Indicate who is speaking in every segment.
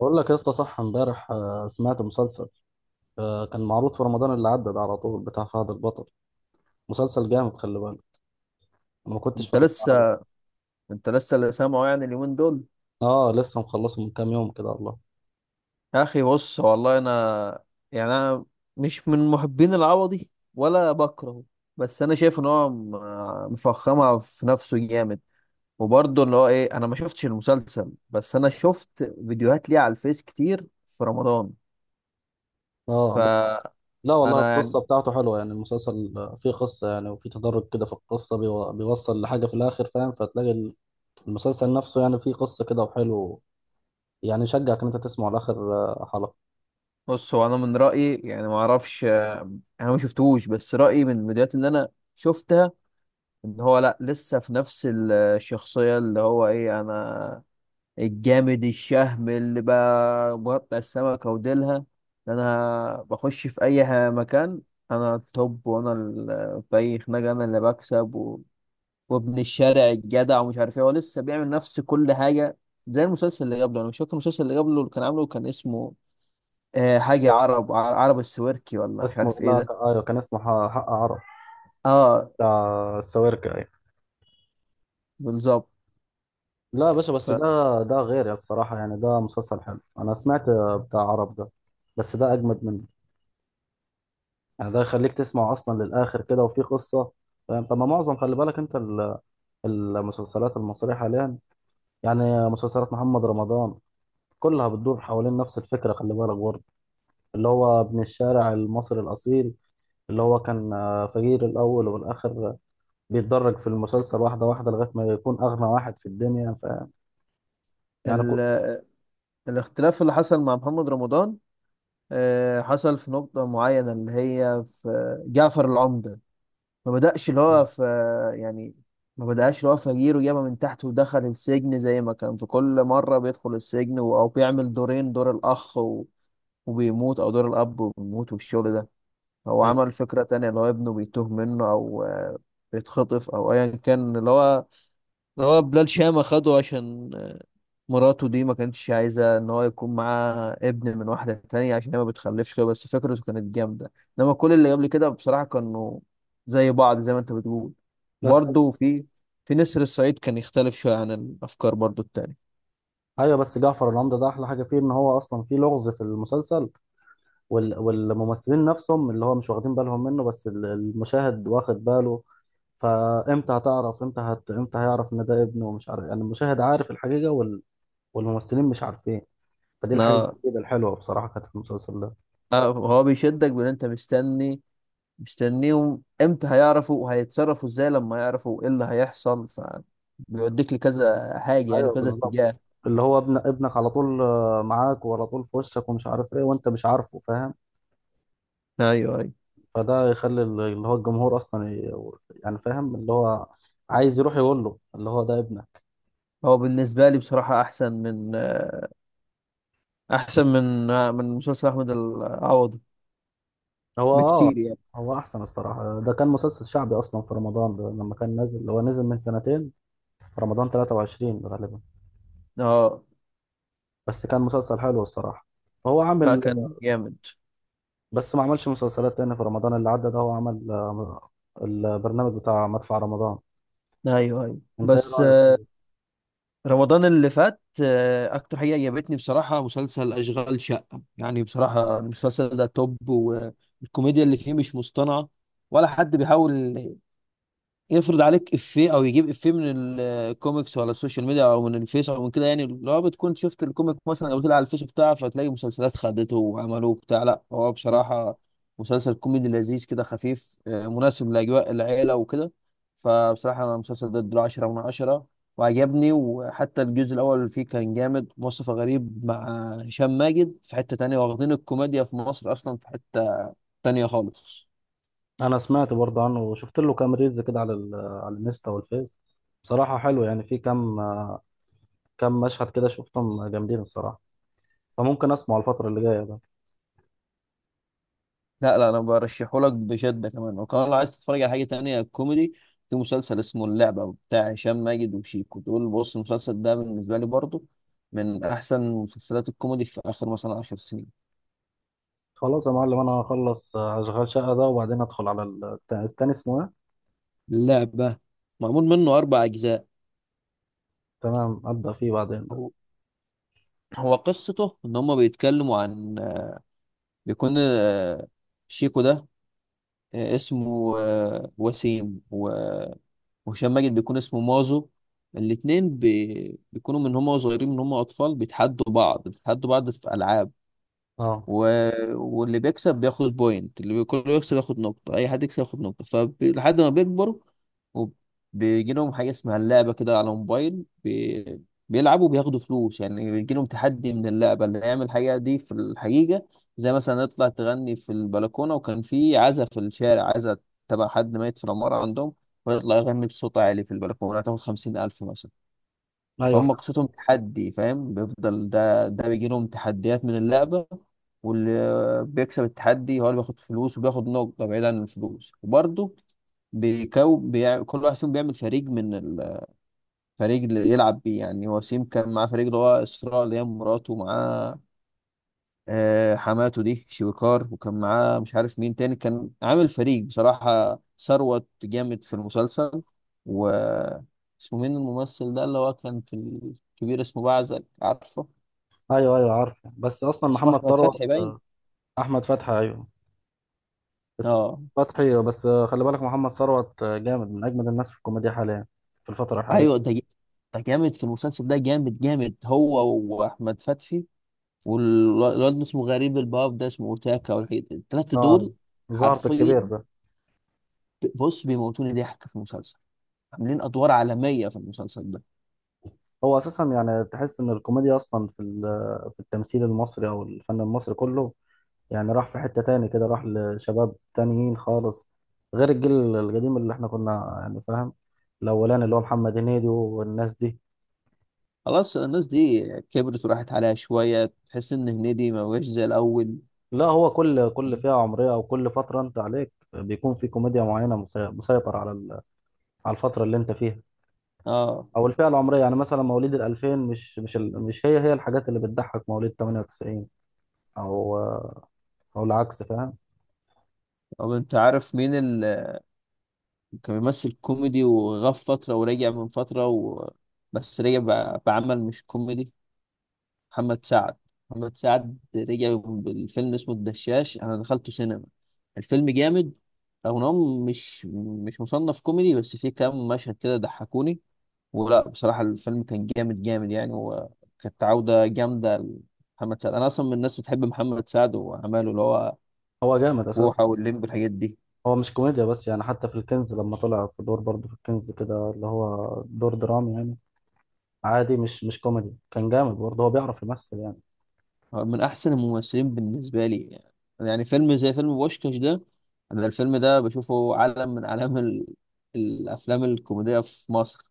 Speaker 1: بقول لك يا اسطى، صح امبارح سمعت مسلسل. كان معروض في رمضان اللي عدى ده، على طول، بتاع فهد البطل. مسلسل جامد، خلي بالك. أنا ما كنتش
Speaker 2: انت
Speaker 1: فاكر بتاع حلو.
Speaker 2: لسه انت لسه اللي سامعه يعني اليومين دول.
Speaker 1: اه، لسه مخلصه من كام يوم كده والله.
Speaker 2: يا اخي بص، والله انا مش من محبين العوضي ولا بكرهه، بس انا شايف ان هو مفخمها في نفسه جامد. وبرضه اللي هو ايه، انا ما شفتش المسلسل، بس انا شفت فيديوهات ليه على الفيس كتير في رمضان.
Speaker 1: اه بس.
Speaker 2: فانا
Speaker 1: لا والله
Speaker 2: يعني
Speaker 1: القصه بتاعته حلوه، يعني المسلسل فيه قصه يعني، وفيه تدرج كده في القصه، بيوصل لحاجه في الاخر، فاهم؟ فتلاقي المسلسل نفسه يعني فيه قصه كده وحلو. يعني يشجعك ان انت تسمعه لاخر حلقه.
Speaker 2: بص هو انا من رايي يعني، ما اعرفش، انا ما شفتهوش، بس رايي من الفيديوهات اللي انا شفتها ان هو لا، لسه في نفس الشخصيه اللي هو ايه، انا الجامد الشهم اللي بقى مقطع السمكة وديلها، ده انا بخش في اي مكان، انا التوب، وانا في اي خناقة انا اللي بكسب، وابن الشارع الجدع، ومش عارف ايه. هو لسه بيعمل نفس كل حاجة زي المسلسل اللي قبله. انا مش فاكر المسلسل اللي قبله اللي كان عامله، كان اسمه آه، حاجة عرب، عرب السويركي، ولا مش
Speaker 1: اسمه،
Speaker 2: عارف ايه
Speaker 1: لا
Speaker 2: ده.
Speaker 1: ايوه، كان اسمه حق عرب،
Speaker 2: اه،
Speaker 1: بتاع السويركة يعني.
Speaker 2: بالظبط.
Speaker 1: لا يا باشا، بس
Speaker 2: ف-
Speaker 1: ده غير يا الصراحة، يعني ده مسلسل حلو، أنا سمعت بتاع عرب ده، بس ده أجمد منه. يعني ده يخليك تسمع أصلا للآخر كده، وفي قصة، فاهم؟ طب ما معظم، خلي بالك، المسلسلات المصرية حاليا، يعني مسلسلات محمد رمضان، كلها بتدور حوالين نفس الفكرة، خلي بالك برضه، اللي هو ابن الشارع المصري الأصيل، اللي هو كان فقير الأول، والآخر بيتدرج في المسلسل واحدة واحدة، لغاية ما يكون أغنى واحد في الدنيا، فاهم؟ يعني كو...
Speaker 2: ال... الاختلاف اللي حصل مع محمد رمضان حصل في نقطة معينة، اللي هي في جعفر العمدة. ما بدأش اللي هو في يعني ما بدأش اللي هو فجير وجابه من تحت ودخل السجن زي ما كان في كل مرة بيدخل السجن أو بيعمل دورين، دور الأخ وبيموت، أو دور الأب وبيموت، والشغل ده. هو
Speaker 1: أيوه.
Speaker 2: عمل فكرة تانية، اللي هو ابنه بيتوه منه أو بيتخطف أو أيا كان. اللي هو هو بلال شامة خده عشان مراته دي ما كانتش عايزة إن هو يكون معاه ابن من واحدة تانية، عشان هي ما بتخلفش كده. بس فكرته كانت جامدة. إنما كل اللي قبل كده بصراحة كانوا زي بعض زي ما أنت بتقول.
Speaker 1: بس
Speaker 2: برضه في نسر الصعيد كان يختلف شوية عن الأفكار برضه التانية.
Speaker 1: جعفر العمدة ده احلى حاجة فيه، ان هو اصلا فيه لغز في المسلسل، والممثلين نفسهم اللي هو مش واخدين بالهم منه، بس المشاهد واخد باله. فامتى هتعرف، امتى هيعرف ان ده ابنه، ومش عارف، يعني المشاهد عارف الحقيقة والممثلين مش عارفين. فدي الحاجة
Speaker 2: نا-
Speaker 1: الجديدة الحلوة بصراحة كانت في المسلسل ده.
Speaker 2: آه، هو بيشدك بإن أنت مستنيهم إمتى هيعرفوا وهيتصرفوا إزاي لما يعرفوا إيه اللي هيحصل، فبيوديك لكذا حاجة، يعني
Speaker 1: ايوه
Speaker 2: كذا
Speaker 1: بالظبط،
Speaker 2: اتجاه.
Speaker 1: اللي هو ابن ابنك على طول معاك، وعلى طول في وشك، ومش عارف ايه، وانت مش عارفه، فاهم؟
Speaker 2: أيوه، أيوه.
Speaker 1: فده يخلي اللي هو الجمهور اصلا ي... يعني فاهم، اللي هو عايز يروح يقول له اللي هو ده ابنك.
Speaker 2: هو بالنسبة لي بصراحة أحسن من، أحسن من من مسلسل أحمد العوضي
Speaker 1: هو اه.
Speaker 2: بكتير يعني.
Speaker 1: هو احسن الصراحه، ده كان مسلسل شعبي اصلا في رمضان، ده لما كان نازل هو نزل من سنتين، في رمضان 23 غالبا.
Speaker 2: اه،
Speaker 1: بس كان مسلسل حلو الصراحه. هو
Speaker 2: لا،
Speaker 1: عامل،
Speaker 2: كان جامد.
Speaker 1: بس ما عملش مسلسلات تاني في رمضان اللي عدى ده، هو عمل البرنامج بتاع مدفع رمضان.
Speaker 2: أيوه، أيوه،
Speaker 1: انت ايه
Speaker 2: بس
Speaker 1: رايك
Speaker 2: آه،
Speaker 1: فيه؟
Speaker 2: رمضان اللي فات آه، أكتر حاجة عجبتني بصراحة مسلسل أشغال شقة. يعني بصراحة المسلسل ده توب، والكوميديا اللي فيه مش مصطنعة، ولا حد بيحاول يفرض عليك افيه او يجيب افيه من الكوميكس ولا السوشيال ميديا او من الفيس او من كده. يعني لو بتكون شفت الكوميك مثلا او طلع على الفيس بتاعه، فتلاقي مسلسلات خدته وعملوه بتاع. لا هو بصراحة مسلسل كوميدي لذيذ كده، خفيف، آه، مناسب لأجواء العيلة وكده. فبصراحة أنا المسلسل ده اديله 10 من 10، وعجبني. وحتى الجزء الأول فيه كان جامد، مصطفى غريب مع هشام ماجد في حتة تانية، واخدين الكوميديا في مصر أصلا في حتة تانية خالص.
Speaker 1: انا سمعت برضه عنه، وشفت له كام ريلز كده على الانستا والفيس. بصراحه حلو، يعني في كام كام مشهد كده شفتهم جامدين الصراحه. فممكن اسمعه الفتره اللي جايه.
Speaker 2: لا لا، انا برشحه لك بشده. كمان وكمان لو عايز تتفرج على حاجه تانية كوميدي، في مسلسل اسمه اللعبه بتاع هشام ماجد وشيكو. دول بص، المسلسل ده بالنسبه لي برضو من احسن مسلسلات الكوميدي في اخر مثلا 10 سنين.
Speaker 1: خلاص يا معلم، انا هخلص اشغال شقه ده، وبعدين ادخل على التاني، اسمه ايه؟
Speaker 2: اللعبه معمول منه اربع اجزاء.
Speaker 1: تمام، ابدا فيه بعدين ده.
Speaker 2: هو هو قصته ان هم بيتكلموا عن، بيكون آه، شيكو ده آه، اسمه آه، وسيم، وهشام ماجد بيكون اسمه مازو. الاتنين بيكونوا من هم صغيرين، من هم اطفال، بيتحدوا بعض، بيتحدوا بعض في العاب.
Speaker 1: اه
Speaker 2: و... واللي بيكسب بياخد بوينت، اللي كله بيكسب ياخد نقطة، أي حد يكسب ياخد نقطة. فلحد ما بيكبروا، وبيجي لهم حاجة اسمها اللعبة كده على موبايل، بيلعبوا بياخدوا فلوس. يعني بيجي لهم تحدي من اللعبة، اللي يعمل الحاجة دي في الحقيقة، زي مثلا يطلع تغني في البلكونة، وكان في عزا في الشارع، عزا تبع حد ميت في العمارة عندهم، ويطلع يغني بصوت عالي في البلكونة، هتاخد خمسين ألف مثلا.
Speaker 1: ايوه
Speaker 2: فهم
Speaker 1: فاهم.
Speaker 2: قصتهم تحدي، فاهم؟ بيفضل ده بيجي لهم تحديات من اللعبة، واللي بيكسب التحدي هو اللي بياخد فلوس وبياخد نقطة، بعيد عن الفلوس. وبرضه كل واحد فيهم بيعمل فريق، من الفريق اللي يلعب بيه. يعني وسيم كان معاه فريق، اللي هو إسراء اللي هي مراته، ومعاه آه، حماته دي شويكار، وكان معاه مش عارف مين تاني. كان عامل فريق، بصراحة ثروت جامد في المسلسل، و اسمه مين الممثل ده، اللي هو كان في الكبير، اسمه بعزك عارفه.
Speaker 1: ايوه ايوه عارف، بس اصلا
Speaker 2: اسمه
Speaker 1: محمد
Speaker 2: أحمد
Speaker 1: ثروت
Speaker 2: فتحي باين.
Speaker 1: آه،. احمد فتحي، ايوه، اسمه
Speaker 2: اه.
Speaker 1: فتحي. بس خلي بالك، محمد ثروت جامد، من اجمد الناس في الكوميديا حاليا، في الفتره
Speaker 2: ايوه
Speaker 1: الحاليه.
Speaker 2: ده جامد في المسلسل، ده جامد جامد هو وأحمد فتحي، والواد اسمه غريب الباب ده اسمه تاكا والحاجات دي. التلاتة
Speaker 1: اه
Speaker 2: دول
Speaker 1: ظهرت
Speaker 2: حرفيا،
Speaker 1: الكبير ده.
Speaker 2: بص، بيموتوني ضحك في المسلسل، عاملين أدوار عالمية في المسلسل.
Speaker 1: هو اساسا يعني تحس ان الكوميديا اصلا في التمثيل المصري او الفن المصري كله، يعني راح في حتة تاني كده، راح لشباب تانيين خالص، غير الجيل القديم اللي احنا كنا، يعني فاهم، الأولاني اللي هو محمد هنيدي والناس دي.
Speaker 2: خلاص، الناس دي كبرت وراحت عليها شوية، تحس إن هنيدي ما بقاش زي الأول.
Speaker 1: لا هو كل فئة عمرية أو كل فترة أنت عليك، بيكون في كوميديا معينة مسيطر على الفترة اللي أنت فيها،
Speaker 2: اه.
Speaker 1: أو الفئة العمرية. يعني مثلا مواليد الألفين، مش هي هي الحاجات اللي بتضحك مواليد 98، أو العكس، فاهم؟
Speaker 2: طب أنت عارف مين اللي كان بيمثل كوميدي وغاب فترة ورجع من فترة بس رجع بعمل مش كوميدي؟ محمد سعد. محمد سعد رجع بالفيلم اسمه الدشاش، أنا دخلته سينما، الفيلم جامد، رغم إن هو مش مصنف كوميدي، بس فيه كام مشهد كده ضحكوني. ولا بصراحة الفيلم كان جامد جامد يعني، وكانت عودة جامدة لمحمد سعد. أنا أصلا من الناس بتحب محمد سعد وأعماله، اللي هو
Speaker 1: هو جامد أساسا.
Speaker 2: بوحة واللمبي الحاجات دي.
Speaker 1: هو مش كوميديا بس يعني، حتى في الكنز لما طلع في دور برضه في الكنز كده، اللي هو دور درامي يعني، عادي، مش كوميدي، كان جامد برضه، هو بيعرف يمثل يعني.
Speaker 2: هو من أحسن الممثلين بالنسبة لي. يعني فيلم زي فيلم بوشكاش ده، أنا الفيلم ده بشوفه علم من أعلام الأفلام الكوميدية في مصر.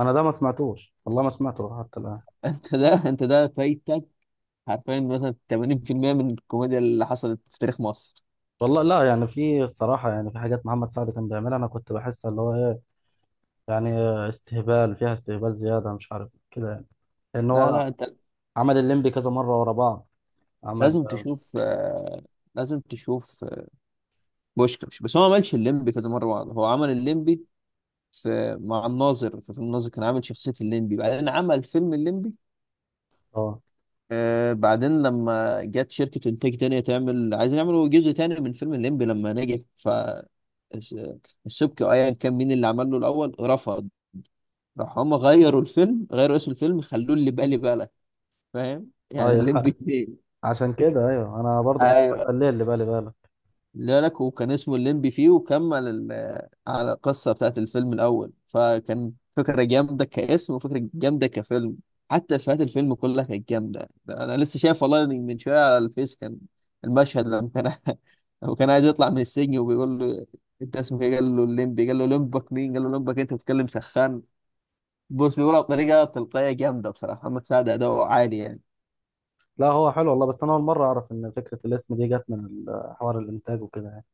Speaker 1: انا ده ما سمعتوش والله، ما سمعته حتى الان.
Speaker 2: أنت ده، أنت ده فايتك حرفيا مثلا 80% من الكوميديا اللي حصلت في تاريخ مصر.
Speaker 1: والله لا يعني، في الصراحة يعني في حاجات محمد سعد كان بيعملها، أنا كنت بحس اللي هو إيه يعني، استهبال فيها، استهبال زيادة، مش عارف كده يعني، لأن
Speaker 2: لا
Speaker 1: هو
Speaker 2: لا، أنت
Speaker 1: عمل الليمبي كذا مرة ورا بعض. عمل
Speaker 2: لازم
Speaker 1: مش
Speaker 2: تشوف آه، لازم تشوف بوشكاش. بس هو ما عملش الليمبي كذا مره بعض، هو عمل الليمبي في مع الناظر، في فيلم الناظر كان عامل شخصيه الليمبي، بعدين عمل فيلم الليمبي.
Speaker 1: اه.
Speaker 2: آه، بعدين لما جت شركه انتاج تانية تعمل، عايزين يعملوا جزء تاني من فيلم الليمبي لما نجح، ف الس- السبكي، ايا كان مين اللي عمل له الاول، رفض. راح هم غيروا الفيلم، غيروا اسم الفيلم، خلوه اللي بالي بالك، فاهم يعني؟
Speaker 1: أيوه.
Speaker 2: الليمبي
Speaker 1: عشان كده أيوه، أنا برضه كنت
Speaker 2: 2.
Speaker 1: بسأل ليه اللي بالي بالك.
Speaker 2: لا لك، وكان اسمه الليمبي فيه، وكمل على القصة بتاعت الفيلم الأول، فكان فكرة جامدة كاسم وفكرة جامدة كفيلم. حتى إفيهات الفيلم كلها كانت جامدة. أنا لسه شايف والله من شوية على الفيس كان المشهد لما كان لما كان عايز يطلع من السجن، وبيقول له: أنت اسمك إيه؟ قال له: الليمبي. قال له: لمبك مين؟ قال له: لمبك أنت، بتتكلم سخان؟ بص، بيقولها بطريقة تلقائية جامدة، بصراحة محمد سعد أداؤه عالي يعني.
Speaker 1: لا هو حلو والله، بس أنا أول مرة أعرف إن فكرة الاسم دي جت من حوار الإنتاج وكده يعني.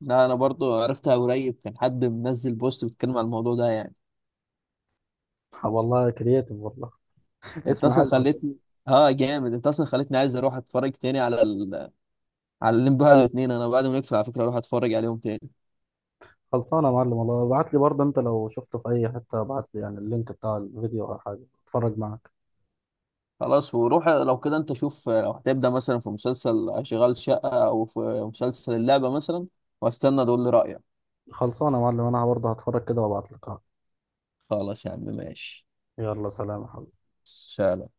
Speaker 2: لا، أنا برضو عرفتها قريب، كان حد منزل بوست بيتكلم عن الموضوع ده يعني.
Speaker 1: والله كرييتيف والله.
Speaker 2: انت
Speaker 1: اسم
Speaker 2: اصلا
Speaker 1: حلو أساسا.
Speaker 2: خليتني اه جامد، انت اصلا خليتني عايز اروح اتفرج تاني على على الليمبي واحد واتنين، انا بعد ما نقفل على فكره اروح اتفرج عليهم تاني.
Speaker 1: خلصانه يا معلم والله، ابعت لي برضه، انت لو شفته في اي حته ابعت لي، يعني اللينك بتاع الفيديو او حاجه اتفرج معاك.
Speaker 2: خلاص. وروح لو كده، انت شوف لو هتبدا مثلا في مسلسل شغال شقه او في مسلسل اللعبه مثلا، واستنى تقول لي رايك.
Speaker 1: خلصانه يا معلم، انا برضه هتفرج كده وابعت لك.
Speaker 2: خلاص يا عم، ماشي.
Speaker 1: يلا سلام يا حبيبي.
Speaker 2: سلام.